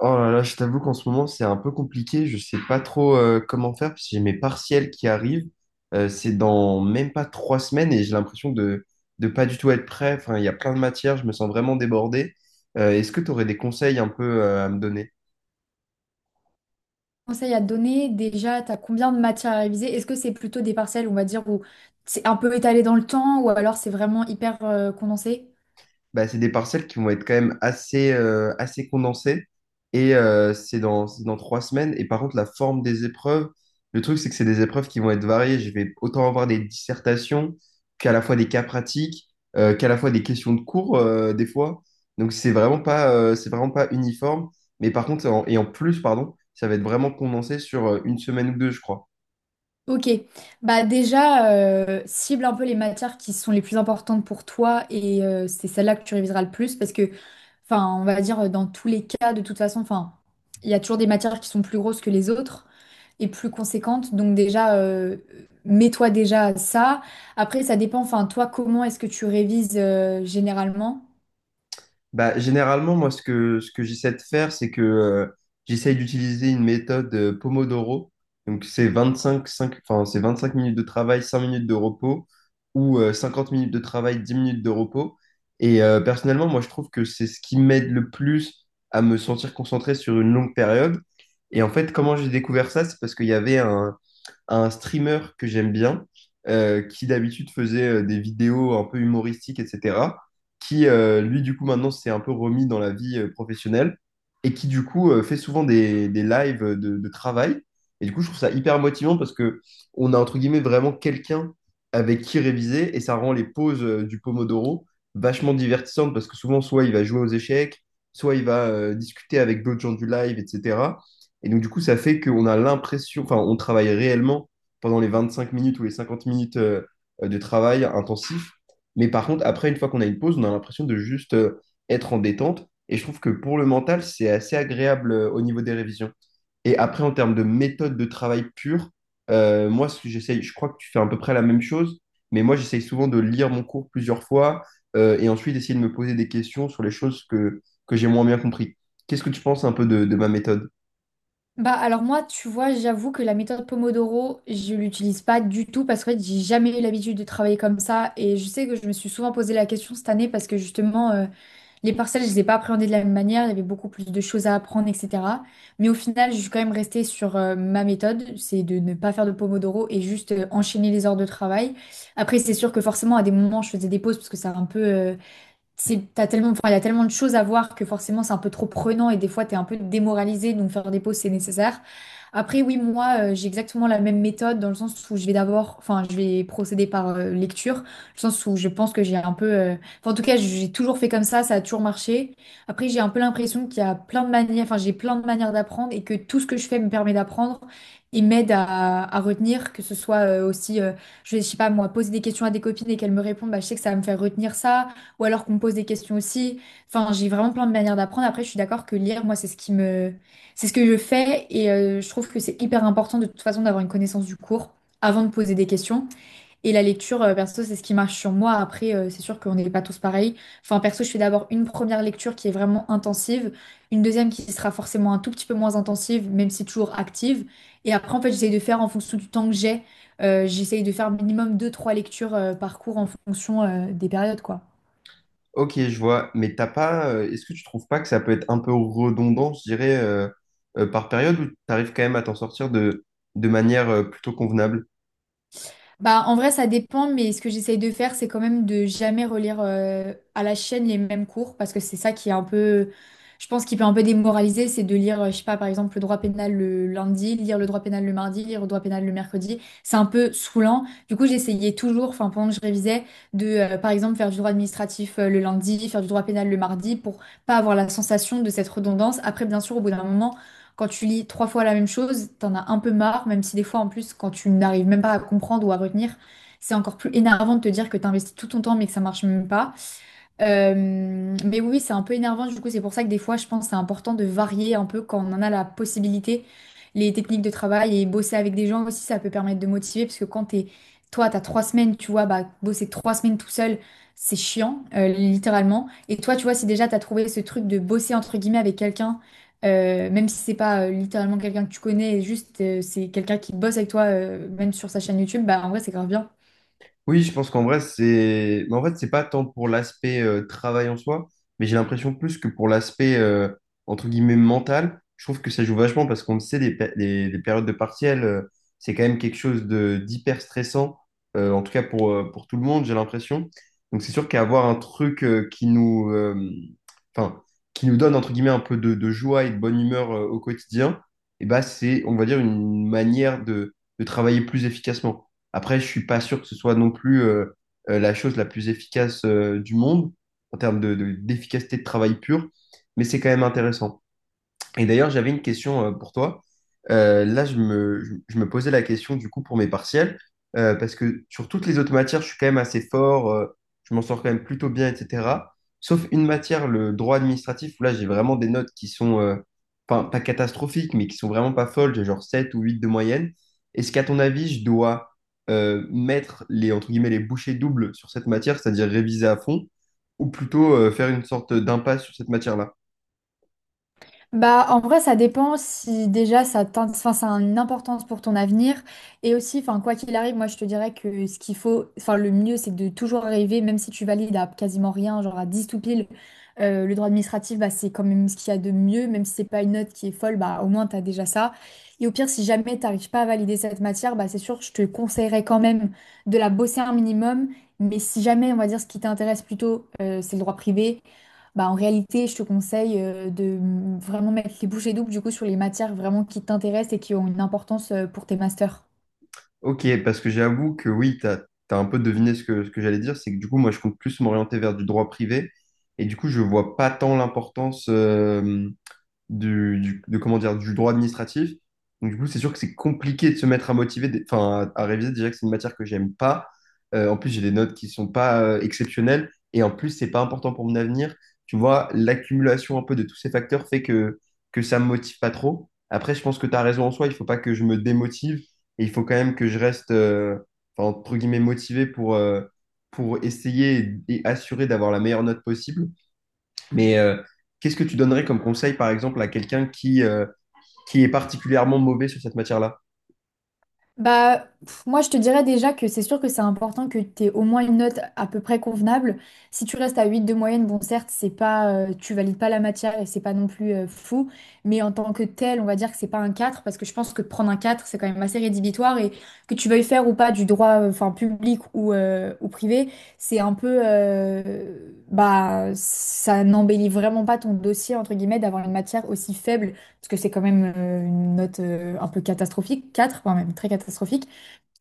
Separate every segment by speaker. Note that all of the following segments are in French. Speaker 1: Oh là là, je t'avoue qu'en ce moment, c'est un peu compliqué. Je sais pas trop comment faire parce que j'ai mes partiels qui arrivent. C'est dans même pas 3 semaines et j'ai l'impression de pas du tout être prêt. Enfin, il y a plein de matières, je me sens vraiment débordé. Est-ce que tu aurais des conseils un peu à me donner?
Speaker 2: Conseils à te donner? Déjà, tu as combien de matières à réviser? Est-ce que c'est plutôt des parcelles, on va dire, où c'est un peu étalé dans le temps ou alors c'est vraiment hyper condensé?
Speaker 1: Bah, c'est des parcelles qui vont être quand même assez, assez condensées. Et c'est dans 3 semaines. Et par contre, la forme des épreuves, le truc, c'est que c'est des épreuves qui vont être variées. Je vais autant avoir des dissertations qu'à la fois des cas pratiques, qu'à la fois des questions de cours, des fois. Donc, c'est vraiment pas uniforme. Mais par contre, et en plus, pardon, ça va être vraiment condensé sur une semaine ou deux, je crois.
Speaker 2: Ok, bah déjà, cible un peu les matières qui sont les plus importantes pour toi et c'est celle-là que tu réviseras le plus parce que, enfin, on va dire dans tous les cas, de toute façon, enfin, il y a toujours des matières qui sont plus grosses que les autres et plus conséquentes. Donc déjà, mets-toi déjà à ça. Après, ça dépend, enfin, toi, comment est-ce que tu révises généralement?
Speaker 1: Bah, généralement, moi, ce que j'essaie de faire, c'est que j'essaie d'utiliser une méthode Pomodoro. Donc, c'est 25 minutes de travail, 5 minutes de repos, ou 50 minutes de travail, 10 minutes de repos. Et personnellement, moi, je trouve que c'est ce qui m'aide le plus à me sentir concentré sur une longue période. Et en fait, comment j'ai découvert ça? C'est parce qu'il y avait un, à un streamer que j'aime bien, qui d'habitude faisait des vidéos un peu humoristiques, etc., qui, lui, du coup, maintenant s'est un peu remis dans la vie professionnelle et qui, du coup, fait souvent des lives de travail. Et du coup, je trouve ça hyper motivant parce que on a, entre guillemets, vraiment quelqu'un avec qui réviser et ça rend les pauses du Pomodoro vachement divertissantes parce que souvent, soit il va jouer aux échecs, soit il va discuter avec d'autres gens du live, etc. Et donc, du coup, ça fait qu'on a l'impression, enfin, on travaille réellement pendant les 25 minutes ou les 50 minutes de travail intensif. Mais par contre, après, une fois qu'on a une pause, on a l'impression de juste être en détente. Et je trouve que pour le mental, c'est assez agréable au niveau des révisions. Et après, en termes de méthode de travail pure, moi, ce que j'essaye, je crois que tu fais à peu près la même chose, mais moi, j'essaye souvent de lire mon cours plusieurs fois et ensuite d'essayer de me poser des questions sur les choses que j'ai moins bien compris. Qu'est-ce que tu penses un peu de ma méthode?
Speaker 2: Bah alors moi, tu vois, j'avoue que la méthode Pomodoro, je l'utilise pas du tout parce que en fait, j'ai jamais eu l'habitude de travailler comme ça et je sais que je me suis souvent posé la question cette année parce que justement les parcelles, je les ai pas appréhendées de la même manière, il y avait beaucoup plus de choses à apprendre, etc. Mais au final, je suis quand même restée sur ma méthode, c'est de ne pas faire de Pomodoro et juste enchaîner les heures de travail. Après, c'est sûr que forcément à des moments, je faisais des pauses parce que c'est un peu c'est, t'as tellement, enfin, il y a tellement de choses à voir que forcément c'est un peu trop prenant et des fois t'es un peu démoralisé, donc faire des pauses c'est nécessaire. Après, oui, moi j'ai exactement la même méthode dans le sens où je vais d'abord, enfin, je vais procéder par lecture, dans le sens où je pense que j'ai un peu, enfin, en tout cas, j'ai toujours fait comme ça a toujours marché. Après, j'ai un peu l'impression qu'il y a plein de manières, enfin, j'ai plein de manières d'apprendre et que tout ce que je fais me permet d'apprendre. Et m'aide à retenir, que ce soit aussi, je sais pas moi, poser des questions à des copines et qu'elles me répondent, bah, je sais que ça va me faire retenir ça. Ou alors qu'on me pose des questions aussi. Enfin, j'ai vraiment plein de manières d'apprendre. Après, je suis d'accord que lire, moi, c'est ce qui me... C'est ce que je fais et je trouve que c'est hyper important de toute façon d'avoir une connaissance du cours avant de poser des questions. Et la lecture, perso, c'est ce qui marche sur moi. Après, c'est sûr qu'on n'est pas tous pareils. Enfin, perso, je fais d'abord une première lecture qui est vraiment intensive, une deuxième qui sera forcément un tout petit peu moins intensive, même si toujours active. Et après, en fait, j'essaye de faire en fonction du temps que j'ai. J'essaye de faire minimum deux trois lectures par cours en fonction des périodes, quoi.
Speaker 1: Ok, je vois, mais t'as pas, est-ce que tu trouves pas que ça peut être un peu redondant, je dirais, par période, ou t'arrives quand même à t'en sortir de manière plutôt convenable?
Speaker 2: Bah, en vrai, ça dépend, mais ce que j'essaye de faire, c'est quand même de jamais relire à la chaîne les mêmes cours, parce que c'est ça qui est un peu, je pense, qui peut un peu démoraliser, c'est de lire, je sais pas, par exemple, le droit pénal le lundi, lire le droit pénal le mardi, lire le droit pénal le mercredi. C'est un peu saoulant. Du coup, j'essayais toujours, enfin, pendant que je révisais, de, par exemple, faire du droit administratif le lundi, faire du droit pénal le mardi, pour pas avoir la sensation de cette redondance. Après, bien sûr, au bout d'un moment, quand tu lis trois fois la même chose, t'en as un peu marre, même si des fois en plus, quand tu n'arrives même pas à comprendre ou à retenir, c'est encore plus énervant de te dire que t'as investi tout ton temps mais que ça marche même pas. Mais oui, c'est un peu énervant, du coup, c'est pour ça que des fois, je pense que c'est important de varier un peu quand on en a la possibilité, les techniques de travail et bosser avec des gens aussi, ça peut permettre de motiver, parce que quand t'es, toi, t'as 3 semaines, tu vois, bah, bosser 3 semaines tout seul, c'est chiant, littéralement. Et toi, tu vois, si déjà t'as trouvé ce truc de bosser, entre guillemets, avec quelqu'un, même si c'est pas littéralement quelqu'un que tu connais, juste c'est quelqu'un qui bosse avec toi, même sur sa chaîne YouTube, bah, en vrai, c'est grave bien.
Speaker 1: Oui, je pense qu'en vrai, c'est. Mais en fait, c'est pas tant pour l'aspect travail en soi, mais j'ai l'impression plus que pour l'aspect, entre guillemets, mental. Je trouve que ça joue vachement parce qu'on le sait, les périodes de partiel, c'est quand même quelque chose de d'hyper stressant, en tout cas pour tout le monde, j'ai l'impression. Donc, c'est sûr qu'avoir un truc qui nous, enfin, qui nous donne, entre guillemets, un peu de joie et de bonne humeur au quotidien, et bah, c'est, on va dire, une manière de travailler plus efficacement. Après, je suis pas sûr que ce soit non plus la chose la plus efficace du monde en termes d'efficacité de travail pure, mais c'est quand même intéressant. Et d'ailleurs, j'avais une question pour toi. Là, je me posais la question du coup pour mes partiels, parce que sur toutes les autres matières, je suis quand même assez fort, je m'en sors quand même plutôt bien, etc. Sauf une matière, le droit administratif, où là, j'ai vraiment des notes qui sont, pas catastrophiques, mais qui sont vraiment pas folles, j'ai genre 7 ou 8 de moyenne. Est-ce qu'à ton avis, je dois mettre les, entre guillemets, les bouchées doubles sur cette matière, c'est-à-dire réviser à fond, ou plutôt faire une sorte d'impasse sur cette matière-là?
Speaker 2: Bah, en vrai, ça dépend si déjà enfin, ça a une importance pour ton avenir. Et aussi, enfin, quoi qu'il arrive, moi je te dirais que ce qu'il faut, enfin, le mieux c'est de toujours rêver même si tu valides à quasiment rien, genre à 10 tout pile, le droit administratif, bah, c'est quand même ce qu'il y a de mieux, même si c'est pas une note qui est folle, bah, au moins t'as déjà ça. Et au pire, si jamais t'arrives pas à valider cette matière, bah, c'est sûr, je te conseillerais quand même de la bosser un minimum. Mais si jamais, on va dire, ce qui t'intéresse plutôt, c'est le droit privé. Bah, en réalité, je te conseille de vraiment mettre les bouchées doubles du coup sur les matières vraiment qui t'intéressent et qui ont une importance pour tes masters.
Speaker 1: Ok, parce que j'avoue que oui, tu as, un peu deviné ce que j'allais dire, c'est que du coup, moi, je compte plus m'orienter vers du droit privé, et du coup, je vois pas tant l'importance. Comment dire, du droit administratif. Donc, du coup, c'est sûr que c'est compliqué de se mettre à motiver, à, réviser. Déjà que c'est une matière que j'aime pas. En plus, j'ai des notes qui sont pas exceptionnelles. Et en plus, c'est pas important pour mon avenir. Tu vois, l'accumulation un peu de tous ces facteurs fait que ça me motive pas trop. Après, je pense que tu as raison en soi. Il faut pas que je me démotive. Et il faut quand même que je reste, entre guillemets, motivé pour essayer et assurer d'avoir la meilleure note possible. Mais qu'est-ce que tu donnerais comme conseil, par exemple, à quelqu'un qui est particulièrement mauvais sur cette matière-là?
Speaker 2: Bah, pff, moi, je te dirais déjà que c'est sûr que c'est important que tu aies au moins une note à peu près convenable. Si tu restes à 8 de moyenne, bon, certes, c'est pas, tu valides pas la matière et c'est pas non plus fou, mais en tant que tel, on va dire que c'est pas un 4 parce que je pense que prendre un 4 c'est quand même assez rédhibitoire et que tu veuilles faire ou pas du droit, enfin, public ou privé, c'est un peu, bah, ça n'embellit vraiment pas ton dossier, entre guillemets, d'avoir une matière aussi faible parce que c'est quand même une note un peu catastrophique, 4 voire même très catastrophique.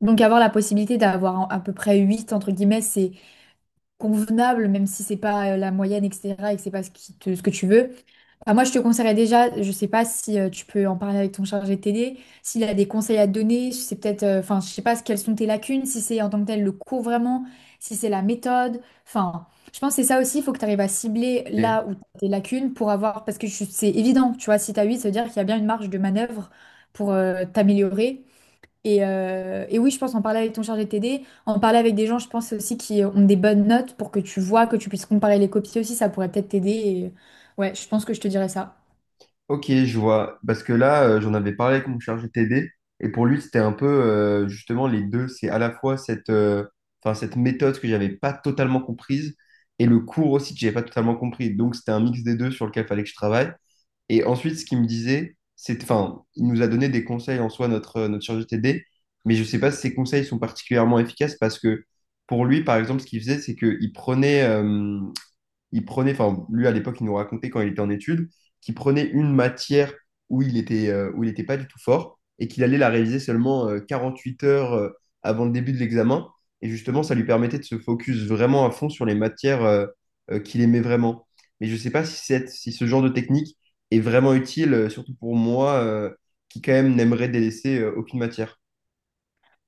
Speaker 2: Donc avoir la possibilité d'avoir à peu près 8 entre guillemets, c'est convenable, même si c'est pas la moyenne, etc., et que c'est pas ce ce que tu veux. Bah, moi, je te conseillerais déjà, je ne sais pas si tu peux en parler avec ton chargé de TD, s'il a des conseils à te donner, si c'est peut-être, enfin, je sais pas quelles sont tes lacunes, si c'est en tant que tel le cours vraiment, si c'est la méthode, enfin, je pense que c'est ça aussi, il faut que tu arrives à cibler
Speaker 1: Et,
Speaker 2: là où t'as tes lacunes pour avoir, parce que c'est évident, tu vois, si t'as 8 ça veut dire qu'il y a bien une marge de manœuvre pour t'améliorer, et oui, je pense en parler avec ton chargé de TD, en parler avec des gens, je pense aussi qui ont des bonnes notes pour que tu vois, que tu puisses comparer les copies aussi, ça pourrait peut-être t'aider. Ouais, je pense que je te dirais ça.
Speaker 1: ok, je vois. Parce que là, j'en avais parlé avec mon chargé TD, et pour lui, c'était un peu justement les deux. C'est à la fois cette, cette méthode que j'avais pas totalement comprise, et le cours aussi que j'avais pas totalement compris. Donc, c'était un mix des deux sur lequel fallait que je travaille. Et ensuite, ce qu'il me disait, c'est, enfin, il nous a donné des conseils en soi, notre chargé de TD, mais je ne sais pas si ces conseils sont particulièrement efficaces parce que pour lui, par exemple, ce qu'il faisait, c'est il prenait, enfin, lui à l'époque, il nous racontait quand il était en études, qu'il prenait une matière où il était, où il n'était pas du tout fort et qu'il allait la réviser seulement 48 heures avant le début de l'examen. Et justement, ça lui permettait de se focus vraiment à fond sur les matières qu'il aimait vraiment. Mais je ne sais pas si, si ce genre de technique est vraiment utile, surtout pour moi, qui quand même n'aimerais délaisser aucune matière.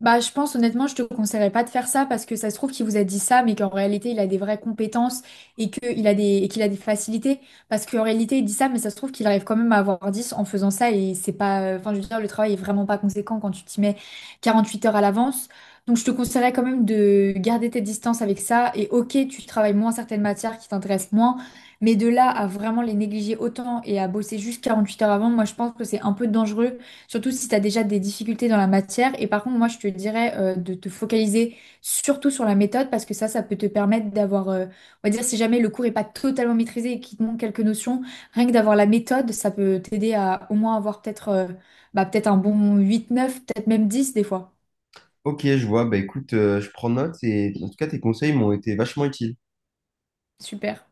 Speaker 2: Bah, je pense honnêtement, je te conseillerais pas de faire ça parce que ça se trouve qu'il vous a dit ça, mais qu'en réalité, il a des vraies compétences et qu'il a des facilités. Parce qu'en réalité, il dit ça, mais ça se trouve qu'il arrive quand même à avoir 10 en faisant ça et c'est pas, enfin, je veux dire, le travail est vraiment pas conséquent quand tu t'y mets 48 heures à l'avance. Donc, je te conseillerais quand même de garder tes distances avec ça et ok, tu travailles moins certaines matières qui t'intéressent moins, mais de là à vraiment les négliger autant et à bosser juste 48 heures avant, moi, je pense que c'est un peu dangereux. Surtout si tu as déjà des difficultés dans la matière. Et par contre, moi, je te dirais de te focaliser surtout sur la méthode parce que ça peut te permettre d'avoir, on va dire, si jamais le cours n'est pas totalement maîtrisé et qu'il te manque quelques notions, rien que d'avoir la méthode, ça peut t'aider à au moins avoir peut-être bah, peut-être un bon 8 9 peut-être même 10 des fois.
Speaker 1: Ok, je vois. Bah écoute, je prends note et en tout cas, tes conseils m'ont été vachement utiles.
Speaker 2: Super.